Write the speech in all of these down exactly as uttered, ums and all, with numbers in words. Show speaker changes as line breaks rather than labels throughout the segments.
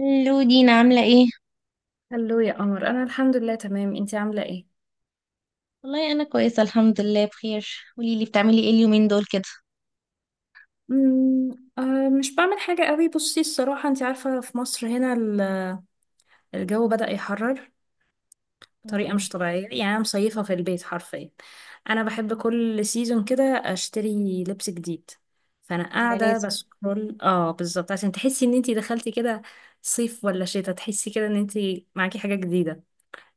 الو دينا عاملة ايه؟
هلو يا قمر، انا الحمد لله تمام، انتي عامله ايه؟
والله أنا كويسة الحمد لله بخير. قوليلي بتعملي ايه اليومين دول كده؟
مم، آه مش بعمل حاجه قوي. بصي الصراحه انتي عارفه في مصر هنا ال- الجو بدأ يحرر بطريقه
مم.
مش طبيعيه، يعني انا مصيفه في البيت حرفيا. انا بحب كل سيزون كده اشتري لبس جديد، فانا
ده
قاعده
لازم.
بسكرول اه بالظبط. عشان تحسي ان انتي دخلتي كده صيف ولا شتاء، تحسي كده ان انتي معاكي حاجه جديده،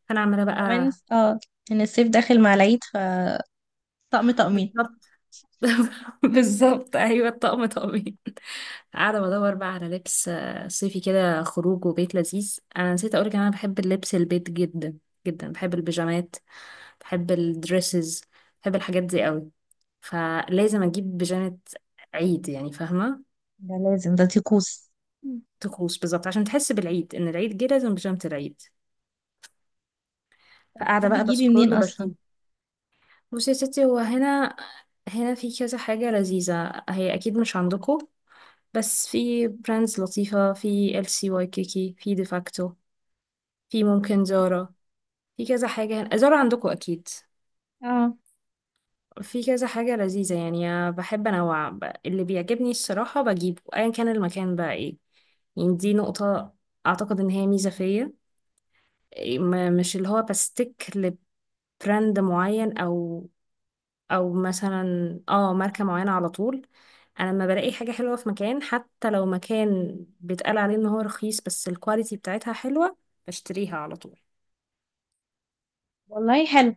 فانا عماله
كمان
بقى.
اه، إن الصيف داخل مع العيد ف طقم طقمين.
بالظبط. بالظبط ايوه، الطقم طقمين. قاعده بدور بقى على لبس آه، صيفي كده خروج وبيت لذيذ. انا نسيت اقولك إن انا بحب اللبس البيت جدا جدا، بحب البيجامات، بحب الدريسز، بحب الحاجات دي قوي، فلازم اجيب بيجامه عيد، يعني فاهمه.
ده لازم، ده طقوس. مم.
طقوس بالظبط، عشان تحس بالعيد ان العيد جه لازم بيجامه العيد.
طب
فقاعده
بتحبي
بقى
تجيبي منين
بسكرول
أصلا؟
وبشوف. بصي يا ستي، هو هنا هنا في كذا حاجه لذيذه، هي اكيد مش عندكم. بس في براندز لطيفة، في ال سي واي كيكي، في ديفاكتو، في ممكن زارا، في كذا حاجة زارا عندكم أكيد،
اه،
في كذا حاجة لذيذة. يعني أنا بحب أنوع ب- اللي بيعجبني الصراحة بجيبه، أيا كان المكان بقى إيه. يعني دي نقطة، أعتقد إن هي ميزة فيا. إيه، ما- مش اللي هو بستيك لبراند معين، أو أو مثلا اه ماركة معينة على طول. انا لما بلاقي حاجه حلوه في مكان، حتى لو مكان بيتقال عليه ان هو رخيص بس الكواليتي بتاعتها حلوه، بشتريها على طول.
والله حلو.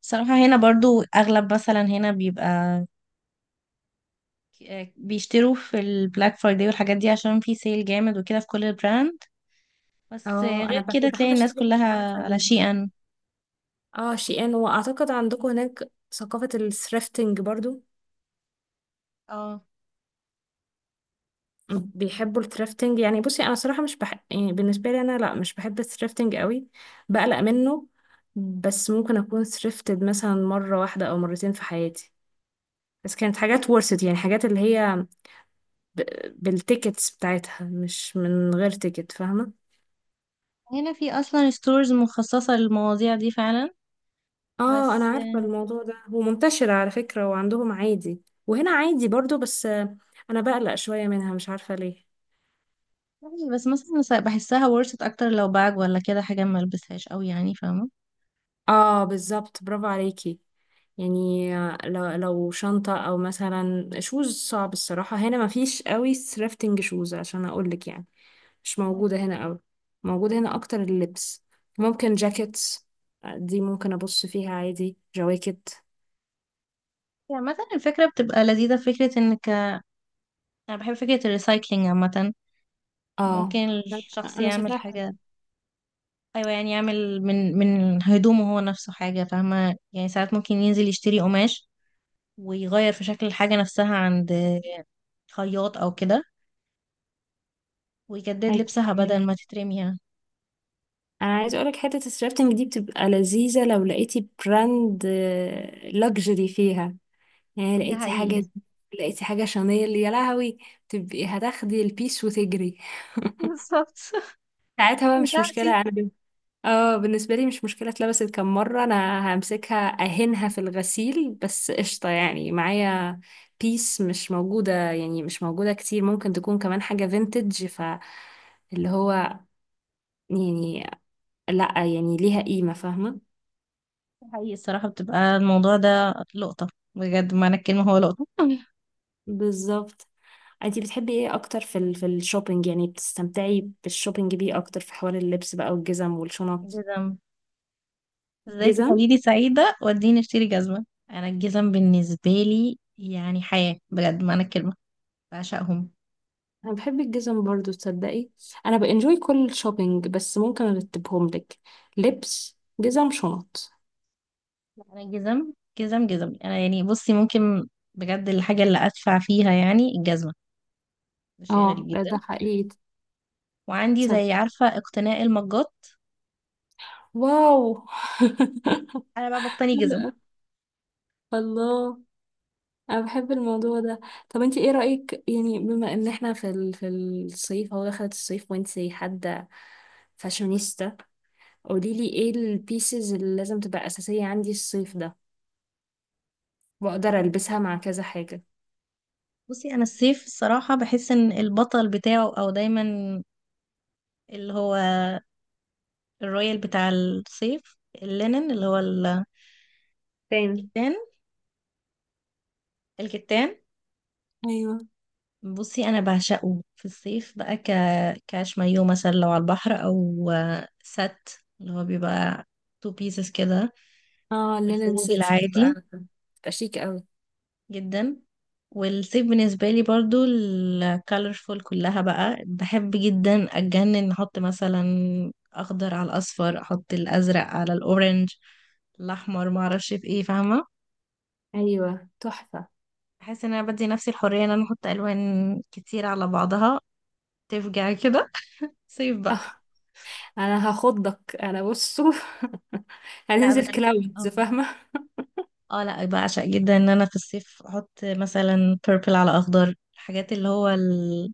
صراحة هنا برضو أغلب مثلا هنا بيبقى ك- آه، بيشتروا في البلاك فرايداي والحاجات دي عشان في سيل جامد وكده في كل البراند. بس
اه انا
غير كده
بحب بحب
تلاقي الناس
اشتري في البلاد
كلها على
الخارجيه برضه.
شيئا.
اه شيئان، واعتقد عندكم هناك ثقافه الثريفتنج برضو،
اه،
بيحبوا الثريفتنج. يعني بصي انا صراحه مش بحب، يعني بالنسبه لي انا لا مش بحب الثريفتنج قوي، بقلق منه. بس ممكن اكون ثريفتد مثلا مره واحده او مرتين في حياتي، بس كانت حاجات ورثت، يعني حاجات اللي هي ب- بالتيكتس بتاعتها، مش من غير تيكت، فاهمة.
هنا في اصلا ستورز مخصصة للمواضيع دي فعلا.
اه انا
بس
عارفة الموضوع ده هو منتشر على فكرة، وعندهم عادي، وهنا عادي برضو، بس آه، انا بقلق شوية منها، مش عارفة ليه.
آه، بس مثلا س- بحسها ورثت اكتر لو باج ولا كده حاجة ما البسهاش قوي يعني فاهمة.
اه بالظبط، برافو عليكي. يعني آه، لو لو شنطة او مثلا شوز، صعب الصراحة هنا مفيش قوي سرافتنج شوز عشان اقولك يعني. مش موجودة هنا قوي، موجودة هنا اكتر اللبس، ممكن جاكيتس، آه، دي ممكن ابص فيها عادي جواكت.
يعني مثلا الفكرة بتبقى لذيذة، فكرة انك انا بحب فكرة الريسايكلينج عامة.
اه
ممكن
لا،
الشخص
انا
يعمل
شايفاها
حاجة.
حلوه.
ايوه يعني يعمل من من هدومه هو نفسه حاجة، فاهمة؟ يعني ساعات ممكن ينزل يشتري قماش ويغير في شكل الحاجة نفسها عند خياط او كده، ويجدد
ايوه
لبسها بدل
فاهمك.
ما تترمي يعني.
انا عايزه اقولك، حته الثرافتنج دي بتبقى لذيذه لو لقيتي براند لوكسجري فيها، يعني
ده
لقيتي
حقيقي.
حاجه، لقيتي حاجه شانيل، يا لهوي، تبقي هتاخدي البيس وتجري.
بالظبط.
ساعتها بقى مش
بتاعتي.
مشكله انا بال- اه بالنسبه لي مش مشكله، اتلبست كم مره، انا همسكها اهنها في الغسيل بس قشطه يعني معايا. بيس مش موجوده، يعني مش موجوده كتير، ممكن تكون كمان حاجه فينتج، ف اللي هو يعني لا يعني ليها قيمة فاهمة.
حقيقي الصراحة بتبقى الموضوع ده لقطة، بجد معنى الكلمة هو لقطة.
بالظبط. انتي بتحبي ايه اكتر في ال في الشوبينج، يعني بتستمتعي بالشوبينج بيه اكتر في حوار اللبس بقى والجزم والشنط؟
جزم. ازاي
جزم.
تخليني سعيدة واديني اشتري جزمة؟ انا الجزم بالنسبة لي يعني حياة، بجد معنى الكلمة. بعشقهم.
انا بحب الجزم برضو، تصدقي. انا بانجوي كل الشوبينج، بس ممكن ارتبهم لك: لبس، جزم، شنط.
انا الجزم جزم جزم، انا يعني بصي ممكن، بجد الحاجة اللي ادفع فيها يعني الجزمة، ده شيء غريب
اه ده
جدا.
ده حقيقي.
وعندي
تصدق،
زي عارفة اقتناء المجات،
واو.
انا بقى بقتني جزم.
الله، انا بحب الموضوع ده. طب انت ايه رأيك، يعني بما ان احنا في ال... في الصيف هو دخلت الصيف، وانت حد فاشونيستا، قولي لي ايه البيسز اللي لازم تبقى اساسية عندي الصيف ده واقدر البسها مع كذا حاجة.
بصي انا الصيف الصراحة بحس ان البطل بتاعه او دايما اللي هو الرويال بتاع الصيف، اللينن اللي هو
تاني.
الكتان، الكتان.
ايوه.
بصي انا بعشقه في الصيف بقى ك... كاش مايو مثلا لو على البحر او آه، سات، اللي هو بيبقى تو بيسز كده،
اه
في
اللينن
الخروج
سيتس بتبقى،
العادي.
بتبقى شيك قوي.
جدا. والصيف بالنسبة لي برضو الكالرفول كلها بقى بحب جدا، اتجنن احط مثلا اخضر على الاصفر، احط الازرق على الاورنج، الاحمر، معرفش في ايه فاهمة.
ايوه تحفة.
بحس ان انا بدي نفسي الحريه ان انا احط الوان كتير على بعضها، تفجع كده، صيف
اه
بقى.
انا هاخضك انا بصوا.
لا
هننزل
بجد.
كلاودز
اه.
فاهمة.
آه، لا بعشق جدا ان انا في الصيف احط مثلا purple على اخضر، الحاجات اللي هو ال-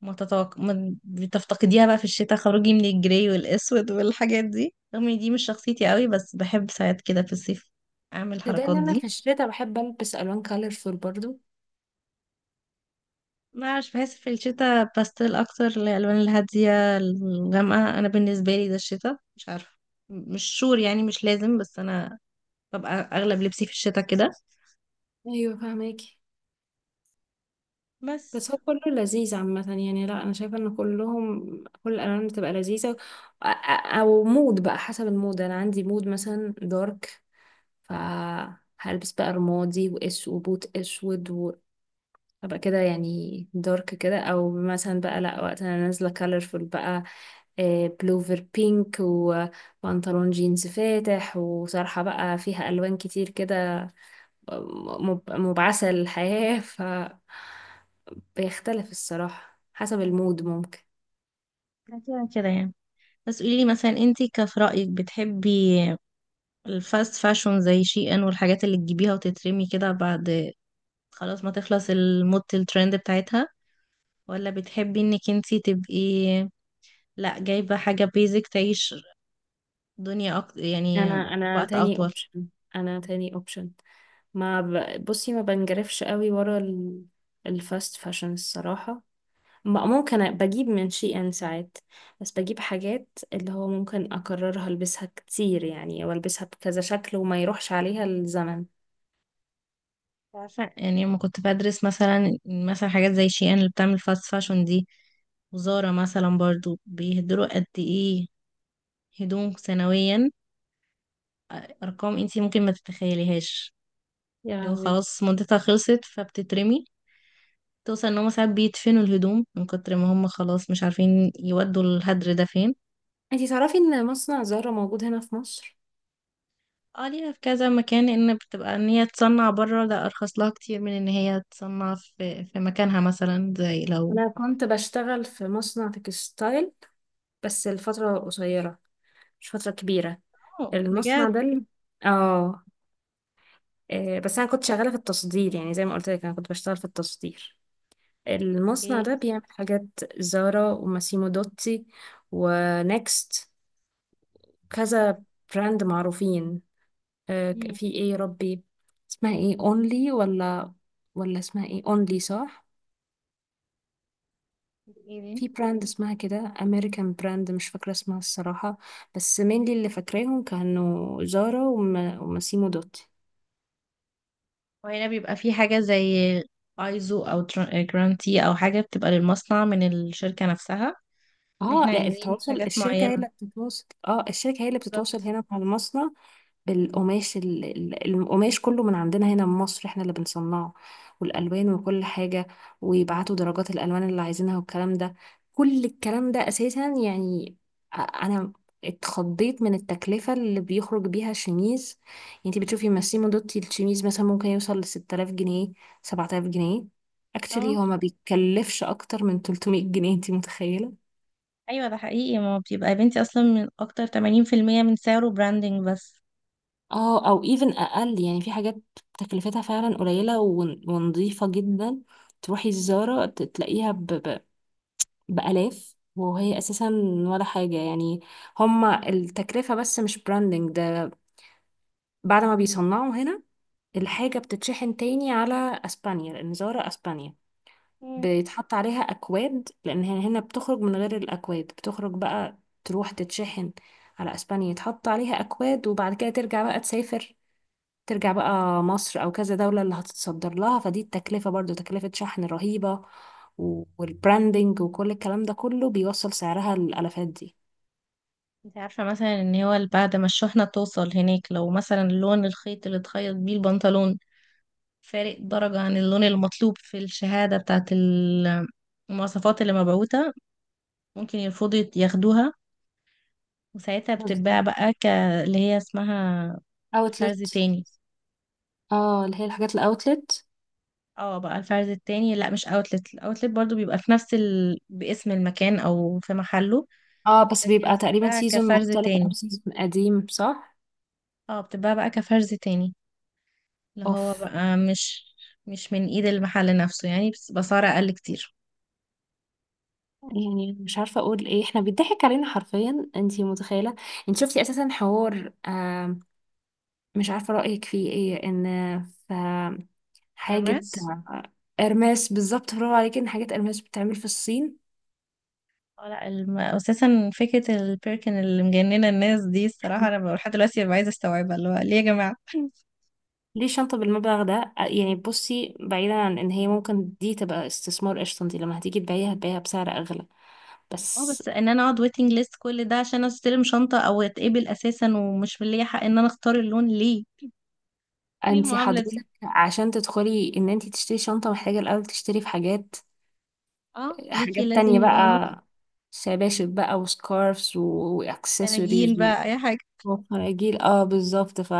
ما تتوق... ما بتفتقديها بقى في الشتاء خروجي من الجراي والاسود والحاجات دي رغم ان دي مش شخصيتي قوي، بس بحب ساعات كده في الصيف اعمل
ده
الحركات
ان انا
دي.
في الشتا بحب البس الوان كالرفول برضو.
ما عارف بحس في الشتاء باستيل اكتر، الالوان الهاديه الغامقه، انا بالنسبه لي ده الشتاء مش عارفه، مش شور يعني مش لازم، بس انا ببقى اغلب لبسي في الشتاء كده،
ايوه فاهمك.
بس
بس هو كله لذيذ عامة، يعني لا أنا شايفة إن كلهم كل الألوان بتبقى لذيذة، أ- أ- أو مود بقى حسب المود. أنا عندي مود مثلا دارك، فهلبس بقى رمادي وإس وبوت أسود وأبقى كده، يعني دارك كده. أو مثلا بقى لا وقت أنا نازلة كالرفول بقى، آه، بلوفر بينك وبنطلون جينز فاتح وطرحة بقى فيها ألوان كتير كده، م- مب- مبعثة للحياة. ف بيختلف الصراحة حسب المود ممكن.
كده كده يعني. بس قولي لي مثلا انتي كف رايك بتحبي الفاست فاشون زي شي ان والحاجات اللي تجيبيها وتترمي كده بعد خلاص ما تخلص الموضه الترند بتاعتها، ولا بتحبي انك انتي تبقي لا جايبه حاجه بيزك تعيش دنيا أكتر يعني
انا انا
وقت
تاني
اطول؟
اوبشن. انا تاني اوبشن. ما ب... بصي ما بنجرفش قوي ورا ال... الفاست فاشن الصراحة. ما- ممكن أ- بجيب من شي ان ساعات، بس بجيب حاجات اللي هو ممكن اكررها، البسها كتير يعني، والبسها بكذا شكل، وما يروحش عليها الزمن.
عارفة يعني لما كنت بدرس مثلا مثلا حاجات زي شي ان اللي بتعمل فاست فاشون دي، وزارة مثلا برضو بيهدروا قد ايه هدوم سنويا، ارقام انتي ممكن ما تتخيليهاش.
يا
لو
لهوي.
خلاص مدتها خلصت فبتترمي، توصل ان هما ساعات بيدفنوا الهدوم من كتر ما هما خلاص مش عارفين يودوا الهدر ده فين.
انتي تعرفي ان مصنع زهرة موجود هنا في مصر؟
اه ليها في كذا مكان. ان بتبقى ان هي تصنع بره ده ارخص لها كتير من ان هي تصنع في في مكانها مثلا زي لو
انا كنت بشتغل في مصنع تكستايل، بس الفترة قصيرة، مش فترة كبيرة.
اه
المصنع
بجد
ده اللي... اه آه، بس انا كنت شغاله في التصدير، يعني زي ما قلت لك انا كنت بشتغل في التصدير. المصنع
ايه.
ده بيعمل حاجات زارا وماسيمو دوتي ونكست، كذا براند معروفين. آه، ك-
مم.
في ايه يا ربي اسمها ايه، اونلي، ولا ولا اسمها ايه اونلي صح.
ايه دي؟
في براند اسمها كده امريكان براند، مش فاكره اسمها الصراحه، بس مين اللي فاكراهم كانوا زارا وما- وماسيمو دوتي.
وهنا بيبقى في حاجة زي ايزو او تر- جرانتي او حاجة بتبقى للمصنع من الشركة نفسها ان
اه
احنا
لا
عايزين
التواصل،
حاجات
الشركة هي
معينة.
اللي بتتواصل، اه الشركة هي اللي بتتواصل
بالظبط.
هنا مع المصنع. بالقماش، ال- ال- القماش كله من عندنا هنا من مصر، احنا اللي بنصنعه، والألوان وكل حاجة، ويبعتوا درجات الألوان اللي عايزينها والكلام ده، كل الكلام ده أساسا يعني. أ- أنا اتخضيت من التكلفة اللي بيخرج بيها الشميز. يعني انت بتشوفي ماسيمو دوتي الشميز مثلا ممكن يوصل لستة آلاف جنيه، سبعة آلاف جنيه.
اه
اكشلي هو ما بيتكلفش أكتر من تلتمية جنيه، انت متخيلة؟
ايوه، ده حقيقي، ما هو بيبقى يا بنتي اصلا من اكتر ثمانين في المئة من سعره براندنج بس.
اه او even اقل، يعني في حاجات تكلفتها فعلا قليله ون- ونظيفه جدا. تروحي الزاره ت- تلاقيها ب... ب... بالاف، وهي اساسا ولا حاجه يعني، هما التكلفه بس، مش براندنج ده. بعد ما بيصنعوا هنا، الحاجه بتتشحن تاني على اسبانيا، لان زاره اسبانيا،
مم.
بيتحط عليها اكواد، لان هي هنا بتخرج من غير الاكواد، بتخرج بقى تروح تتشحن على اسبانيا، يتحط عليها اكواد، وبعد كده ترجع بقى تسافر، ترجع بقى مصر او كذا دولة اللي هتتصدر لها. فدي التكلفة برضو تكلفة شحن رهيبة، و- والبراندنج وكل الكلام ده كله بيوصل سعرها للالافات دي.
انت عارفة مثلا ان هو بعد ما الشحنة توصل هناك، لو مثلا لون الخيط اللي اتخيط بيه البنطلون فارق درجة عن اللون المطلوب في الشهادة بتاعت ال- المواصفات اللي مبعوثة، ممكن يرفضوا ياخدوها. وساعتها بتتباع
بتهزري.
بقى ك... اللي هي اسمها فرز
اوتلت.
تاني.
اه اللي هي الحاجات الاوتلت.
اه بقى الفرز التاني، لا مش اوتلت، الاوتلت برضو بيبقى في نفس ال... باسم المكان او في محله،
اه بس
لكن
بيبقى تقريبا
بتتباع
سيزون
كفرز
مختلف او
تاني.
سيزون قديم صح.
اه بتتباع بقى كفرز تاني، اللي هو
اوف.
بقى مش، مش من ايد المحل نفسه يعني، بس بسعر اقل كتير.
يعني مش عارفه اقول ايه، احنا بيضحك علينا حرفيا، انتي متخيله. انت شفتي اساسا حوار آه، مش عارفه رايك فيه ايه، ان حاجة
ارماس.
آه، قرماس. بالظبط برافو عليكي، ان حاجة قرماس بتتعمل في الصين.
اه لا الم... اساسا فكرة البيركن اللي مجننة الناس دي الصراحة انا بقى لحد دلوقتي ببقى عايزة استوعبها، اللي هو ليه يا جماعة؟
ليه شنطة بالمبلغ ده؟ آه، يعني بصي، بعيدا عن ان هي ممكن دي تبقى استثمار قشطة، انتي لما هتيجي تبيعيها هتبيعيها بسعر اغلى.
اه
بس
بس ان انا اقعد ويتنج ليست كل ده عشان استلم شنطة او اتقبل اساسا ومش من ليا حق ان انا اختار اللون، ليه؟ ليه
انتي
المعاملة دي؟
حضرتك عشان تدخلي ان انتي تشتري شنطة، محتاجة الاول تشتري في حاجات،
اه ليكي
حاجات
لازم
تانية
يبقى
بقى، شباشب بقى وسكارفز واكسسوارز
فناجين بقى اي حاجة.
وفراجيل. اه بالظبط، ف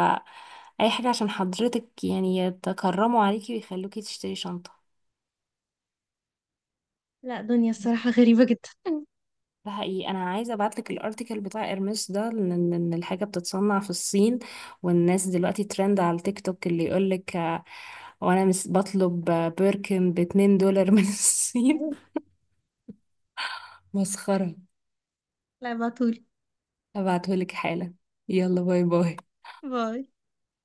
اي حاجة عشان حضرتك يعني يتكرموا عليكي ويخلوكي تشتري شنطة.
لا، دنيا الصراحة غريبة جدا.
ده حقيقي. انا عايزه ابعت لك الارتيكل بتاع ارمس ده، لان إن الحاجه بتتصنع في الصين، والناس دلوقتي ترند على التيك توك اللي يقول لك، وانا مس بطلب آه، بيركن ب اتنين دولار من الصين. مسخره.
لا، ابعتولي.
ابعته لك حالا. يلا باي باي.
باي.